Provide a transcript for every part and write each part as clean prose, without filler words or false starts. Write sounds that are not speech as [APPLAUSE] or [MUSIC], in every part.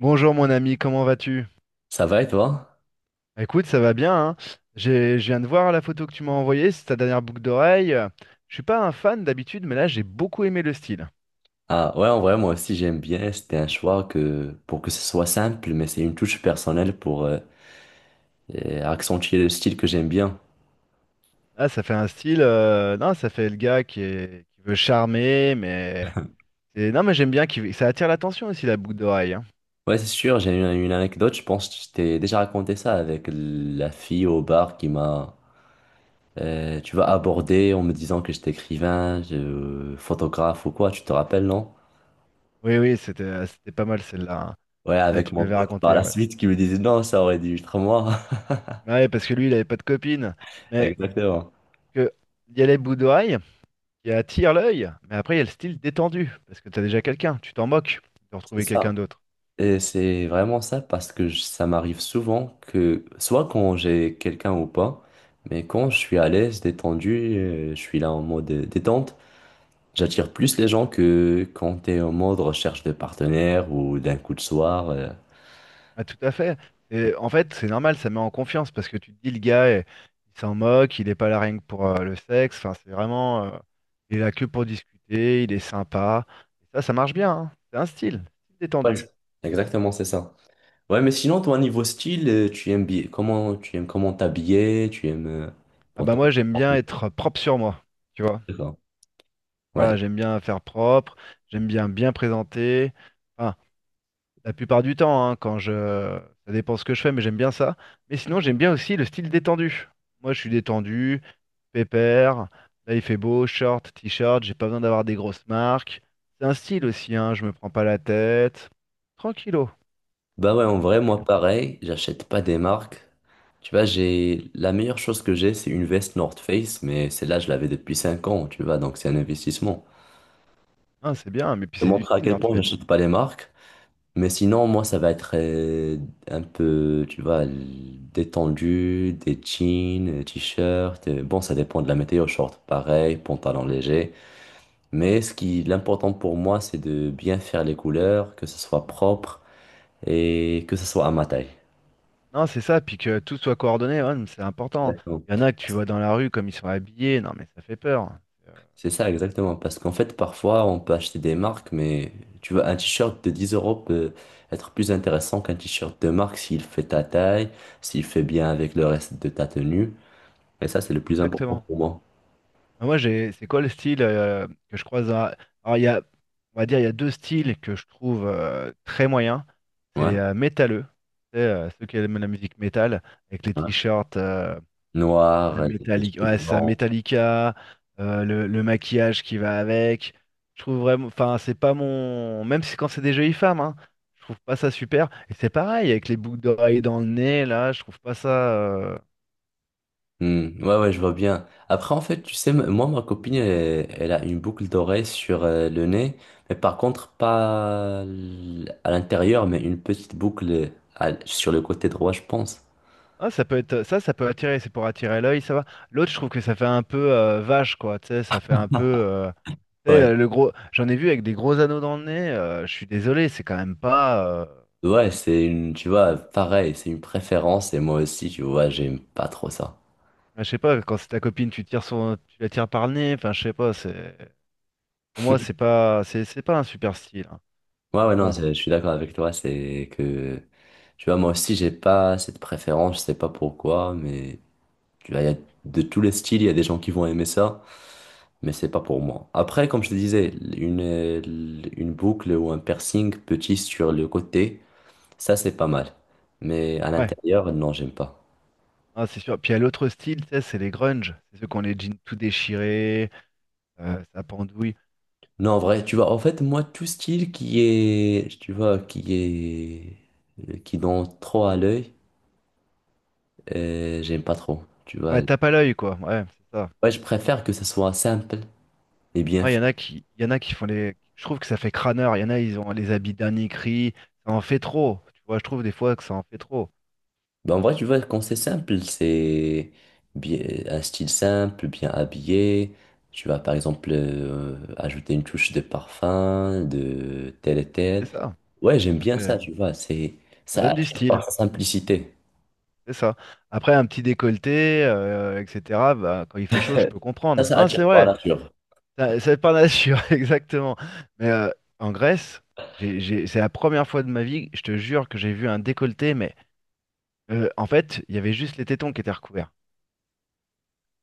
Bonjour mon ami, comment vas-tu? Ça va et toi? Bah, écoute, ça va bien, hein. Je viens de voir la photo que tu m'as envoyée, c'est ta dernière boucle d'oreille. Je suis pas un fan d'habitude, mais là j'ai beaucoup aimé le style. Ah ouais, en vrai, moi aussi j'aime bien. C'était un choix que pour que ce soit simple, mais c'est une touche personnelle pour accentuer le style que j'aime bien. Là, ça fait un style, non, ça fait le gars qui veut charmer, mais et non, mais j'aime bien, ça attire l'attention aussi la boucle d'oreille, hein. Ouais, c'est sûr, j'ai une anecdote, je pense que je t'ai déjà raconté ça avec la fille au bar qui m'a, tu vas aborder en me disant que j'étais écrivain, photographe ou quoi, tu te rappelles, non? Oui, oui, c'était pas mal celle-là, hein. Ouais, avec Tu me mon l'avais pote par raconté, la ouais. suite qui me disait non, ça aurait dû être moi. Ouais, parce que lui, il avait pas de copine, [LAUGHS] mais Exactement. que il y a les boucles d'oreilles, qui attire l'œil, mais après il y a le style détendu, parce que t'as déjà quelqu'un, tu t'en moques de C'est retrouver quelqu'un ça. d'autre. Et c'est vraiment ça parce que ça m'arrive souvent que, soit quand j'ai quelqu'un ou pas, mais quand je suis à l'aise, détendu, je suis là en mode détente, j'attire plus les gens que quand t'es en mode recherche de partenaire ou d'un coup de soir. Ah, tout à fait. Et en fait, c'est normal, ça met en confiance, parce que tu te dis, le gars, eh, il s'en moque, il est pas là rien que pour le sexe, enfin, c'est vraiment, il est là que pour discuter, il est sympa. Et ça marche bien, hein. C'est un style, style Ouais, détendu. Exactement, c'est ça. Ouais, mais sinon, toi, niveau style, tu aimes bien, comment tu aimes comment t'habiller, tu aimes Ah bon. bah moi, j'aime bien être propre sur moi, tu vois. D'accord. Ouais. Voilà, j'aime bien faire propre, j'aime bien bien présenter. Enfin, la plupart du temps, hein, quand je... Ça dépend ce que je fais, mais j'aime bien ça. Mais sinon, j'aime bien aussi le style détendu. Moi, je suis détendu, pépère. Là, il fait beau, short, t-shirt, j'ai pas besoin d'avoir des grosses marques. C'est un style aussi, hein, je me prends pas la tête. Tranquillo, Bah comme on ouais, dit, en vrai, moi tranquille. pareil, j'achète pas des marques. Tu vois, j'ai la meilleure chose que j'ai, c'est une veste North Face, mais celle-là, je l'avais depuis 5 ans, tu vois, donc c'est un investissement. Hein, c'est bien, mais puis Je te c'est du montrer à style, quel North point Face. j'achète pas les marques, mais sinon, moi, ça va être un peu, tu vois, détendu, des jeans, des t-shirts. Bon, ça dépend de la météo, short pareil, pantalon léger. Mais l'important pour moi, c'est de bien faire les couleurs, que ce soit propre et que ce soit à ma taille. Non, c'est ça, puis que tout soit coordonné, ouais, mais c'est important. Exactement. Il y en a que tu vois dans la rue comme ils sont habillés, non mais ça fait peur. Euh, C'est ça, exactement. Parce qu'en fait, parfois, on peut acheter des marques, mais tu vois, un t-shirt de 10 euros peut être plus intéressant qu'un t-shirt de marque s'il fait ta taille, s'il fait bien avec le reste de ta tenue. Et ça, c'est le plus important Exactement. pour moi. Bah, moi, j'ai, c'est quoi le style que je croise dans la- Alors, il y a, on va dire, il y a deux styles que je trouve très moyens. C'est les Ouais. Métalleux. Tu sais, ceux qui aiment la musique métal, avec les Ouais. t-shirts Noir, les cheveux ouais, ça, blancs. Metallica, le maquillage qui va avec. Je trouve vraiment, enfin, c'est pas mon, même si quand c'est des jolies femmes, hein, je trouve pas ça super. Et c'est pareil avec les boucles d'oreilles dans le nez, là, je trouve pas ça. euh, Hmm, ouais, ouais, je vois bien. Après, en fait, tu sais, moi, ma copine, elle a une boucle d'oreille sur le nez, mais par contre, pas à l'intérieur, mais une petite boucle sur le côté droit, je pense. Ah, ça peut être ça peut attirer, c'est pour attirer l'œil, ça va. L'autre, je trouve que ça fait un peu vache, quoi. Tu sais, ça fait un peu. Tu sais, Ouais. Le gros, j'en ai vu avec des gros anneaux dans le nez. Je suis désolé, c'est quand même pas. Ouais, tu vois, pareil, c'est une préférence et moi aussi, tu vois, j'aime pas trop ça. Enfin, je sais pas, quand c'est ta copine, tu tires son, tu la tires par le nez. Enfin, je sais pas. C'est pour moi, c'est pas, c'est pas un super style, hein. Ouais, Donc ouais, non, bon, je suis d'accord avec toi, c'est que, tu vois, moi aussi, j'ai pas cette préférence, je sais pas pourquoi, mais tu vois, il y a de tous les styles, il y a des gens qui vont aimer ça, mais c'est pas pour moi. Après, comme je te disais, une, euh, une boucle ou un piercing petit sur le côté, ça, c'est pas mal. Mais à ouais, l'intérieur, non, j'aime pas. ah, c'est sûr. Puis il y a l'autre style, tu sais, c'est les grunge. C'est ceux qui ont les jeans tout déchirés, ça pendouille. Non, en vrai, tu vois, en fait, moi, tout style qui est, tu vois, qui est, qui donne trop à l'œil, j'aime pas trop, tu vois. Ouais, tape à l'œil, quoi. Ouais, c'est ça. Ouais, je préfère que ça soit simple et bien Ouais, il y fait. en a qui, il y en a qui font les. Je trouve que ça fait crâneur. Il y en a, ils ont les habits dernier cri. Ça en fait trop. Tu vois, je trouve des fois que ça en fait trop. Ben, en vrai, tu vois, quand c'est simple, c'est bien, un style simple, bien habillé. Tu vas, par exemple, ajouter une touche de parfum, de tel et C'est tel. ça. Ouais, j'aime Ça bien ça, fait... tu vois, ça ça donne du attire par style. sa simplicité. C'est ça. Après, un petit décolleté, etc. Bah, quand il fait chaud, je peux Ça, comprendre. ça Non, c'est attire par vrai. nature. Ça- c'est pas nature, [LAUGHS] exactement. Mais en Grèce, c'est la première fois de ma vie, je te jure, que j'ai vu un décolleté. Mais en fait, il y avait juste les tétons qui étaient recouverts.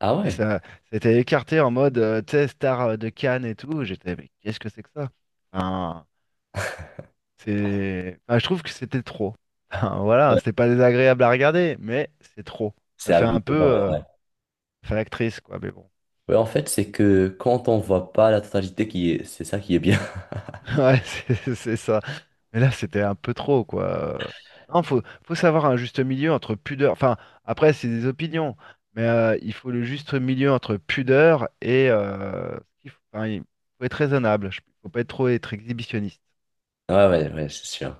Ah Et ouais? ça, c'était écarté en mode, tu sais, star de Cannes et tout. J'étais, mais qu'est-ce que c'est que ça? Enfin, c'est, enfin, je trouve que c'était trop. [LAUGHS] Enfin, voilà, c'était pas désagréable à regarder, mais c'est trop. Ça C'est à fait vue un peu, ouais. Ouais. ça fait l'actrice, quoi. Mais bon, Ouais, en fait, c'est que quand on voit pas la totalité, c'est ça qui est bien. [LAUGHS] [LAUGHS] ouais, c'est ça. Mais là, c'était un peu trop, quoi. Euh, Non, faut savoir un juste milieu entre pudeur. Enfin, après, c'est des opinions, mais il faut le juste milieu entre pudeur et, enfin, il faut être raisonnable. Faut pas être trop être exhibitionniste. Ouais, ouais, ouais, c'est sûr.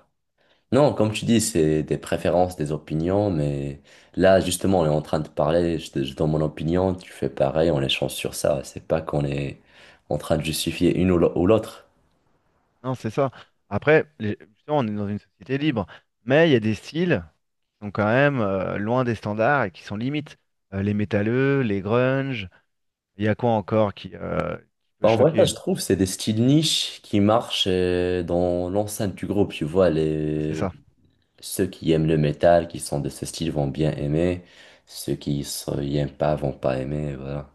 Non, comme tu dis, c'est des préférences, des opinions, mais là, justement, on est en train de parler, je donne mon opinion, tu fais pareil, on échange sur ça. C'est pas qu'on est en train de justifier une ou ou l'autre. Non, c'est ça. Après, justement, on est dans une société libre, mais il y a des styles qui sont quand même loin des standards et qui sont limites. Les métalleux, les grunge, il y a quoi encore qui peut Bah, en vrai, ça, choquer? je trouve, c'est des styles niches qui marchent dans l'enceinte du groupe, tu vois, C'est les... ça. Ceux qui aiment le métal, qui sont de ce style, vont bien aimer. Ceux qui n'y aiment pas vont pas aimer, voilà.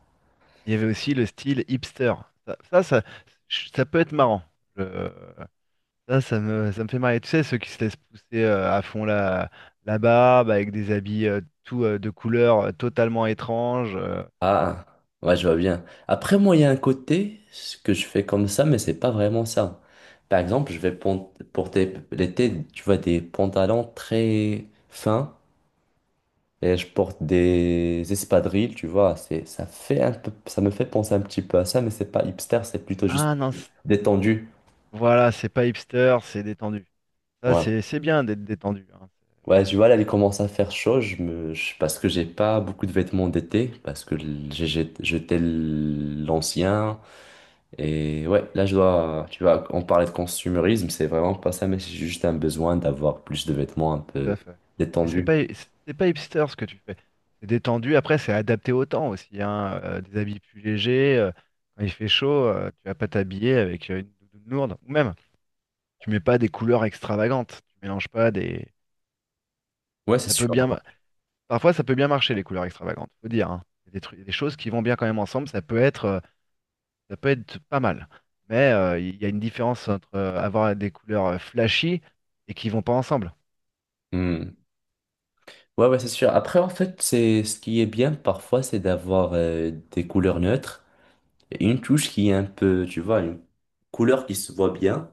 Il y avait aussi le style hipster. Ça, ça, ça, ça peut être marrant. Je- ça me fait marrer. Tu sais, ceux qui se laissent pousser à fond la barbe avec des habits tout, de couleurs totalement étranges. Ah, ouais, je vois bien. Après, moi, il y a un côté ce que je fais comme ça, mais c'est pas vraiment ça. Par exemple, je vais porter l'été, tu vois, des pantalons très fins et je porte des espadrilles, tu vois. Ça fait un peu, ça me fait penser un petit peu à ça, mais c'est pas hipster, c'est plutôt juste Ah non, c- détendu. voilà, c'est pas hipster, c'est détendu. Ça, Ouais. c'est bien d'être détendu, hein, Ouais, c'est- tu vois, là, il commence à faire chaud, parce que j'ai pas beaucoup de vêtements d'été, parce que j'ai jeté l'ancien. Et ouais, là, tu vois, on parlait de consumérisme, c'est vraiment pas ça, mais c'est juste un besoin d'avoir plus de vêtements un tout peu à fait. Mais c'est détendus. pas hipster ce que tu fais. C'est détendu. Après, c'est adapté au temps aussi, hein, des habits plus légers. Quand il fait chaud, tu vas pas t'habiller avec une doudoune lourde. Ou même, tu mets pas des couleurs extravagantes. Tu mélanges pas des. Ouais, c'est Ça peut sûr. bien. Parfois, ça peut bien marcher les couleurs extravagantes. Faut dire, hein. Il y a des trucs, des choses qui vont bien quand même ensemble. Ça peut être pas mal. Mais il y a une différence entre avoir des couleurs flashy et qui vont pas ensemble. Hmm. Ouais, ouais, c'est sûr. Après, en fait, c'est ce qui est bien parfois, c'est d'avoir des couleurs neutres et une touche qui est un peu, tu vois, une couleur qui se voit bien.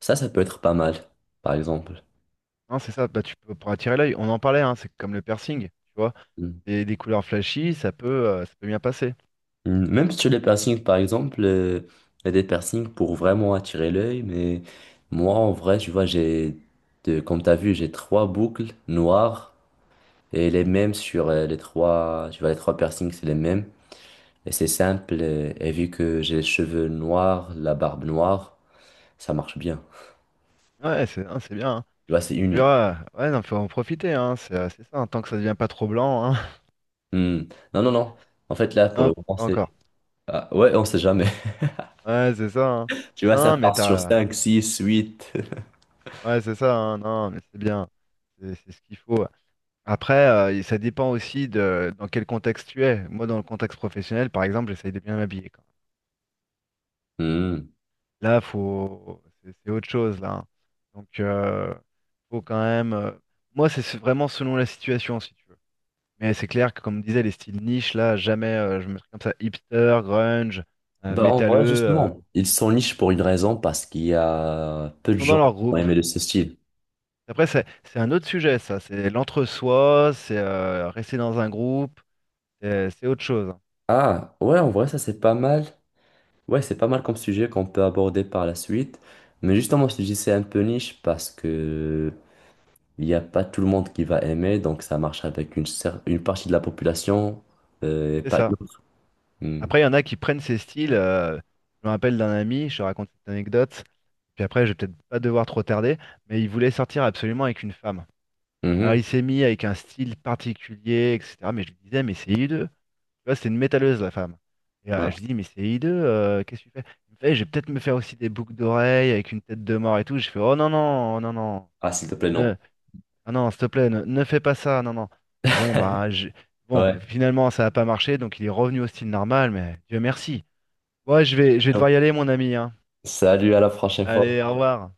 Ça peut être pas mal, par exemple. Non, c'est ça, bah, tu peux, pour attirer l'œil, on en parlait, hein, c'est comme le piercing, tu vois, Hmm. des couleurs flashy, ça peut bien passer. Mm, même sur les piercings, par exemple, il y a des piercings pour vraiment attirer l'œil, mais moi, en vrai, tu vois, comme tu as vu, j'ai trois boucles noires et les mêmes sur les trois, tu vois, les trois piercings, c'est les mêmes. Et c'est simple, et, vu que j'ai les cheveux noirs, la barbe noire, ça marche bien. Ouais, c'est hein, c'est bien, hein. Tu vois, c'est Tu uni. verras, ouais, non, faut en profiter, hein, c'est ça, hein, tant que ça devient pas trop blanc, hein. [LAUGHS] Mm. Non, non, non. En fait, là, pour le Non, moment, pas c'est. encore. Ah, ouais, on sait jamais. [LAUGHS] Ouais, c'est ça, hein. Tu vois, ça Non, mais part sur cinq six huit ouais, c'est ça, hein, non, mais c'est bien, c'est ce qu'il faut. Après, ça dépend aussi de dans quel contexte tu es. Moi, dans le contexte professionnel, par exemple, j'essaye de bien m'habiller. [LAUGHS] Là, faut... c'est autre chose, là, hein. Donc, faut quand même. Moi, c'est vraiment selon la situation, si tu veux. Mais c'est clair que, comme disait, les styles niche, là, jamais je me mettrais comme ça, hipster, grunge, Bah, en vrai, métalleux, justement, ils sont niches pour une raison, parce qu'il y a peu de ils sont dans gens qui leur ont groupe. aimé de ce style. Après, c'est un autre sujet, ça. C'est l'entre-soi, c'est rester dans un groupe, c'est autre chose, hein. Ah, ouais, en vrai, ça c'est pas mal. Ouais, c'est pas mal comme sujet qu'on peut aborder par la suite. Mais justement, si je te dis, c'est un peu niche parce que il n'y a pas tout le monde qui va aimer, donc ça marche avec une partie de la population et C'est pas une ça. autre. Hmm. Après, il y en a qui prennent ces styles. Je me rappelle d'un ami, je te raconte cette anecdote, puis après, je vais peut-être pas devoir trop tarder, mais il voulait sortir absolument avec une femme. Alors, Mhm. il s'est mis avec un style particulier, etc. Mais je lui disais, mais c'est hideux. Tu vois, c'est une métalleuse, la femme. Et Ouais. je dis, mais c'est hideux, qu'est-ce que tu fais? Il me fait, je vais peut-être me faire aussi des boucles d'oreilles avec une tête de mort et tout. Je fais, oh non, non, oh non, non, Ah, s'il te plaît, non. ne, non, non, s'il te plaît, ne fais pas ça, non, non. Et bon, bah, bon, Ouais. finalement, ça n'a pas marché, donc il est revenu au style normal, mais Dieu merci. Ouais, je vais Ciao. devoir y aller, mon ami, hein. Salut, à la prochaine Allez, fois. au revoir.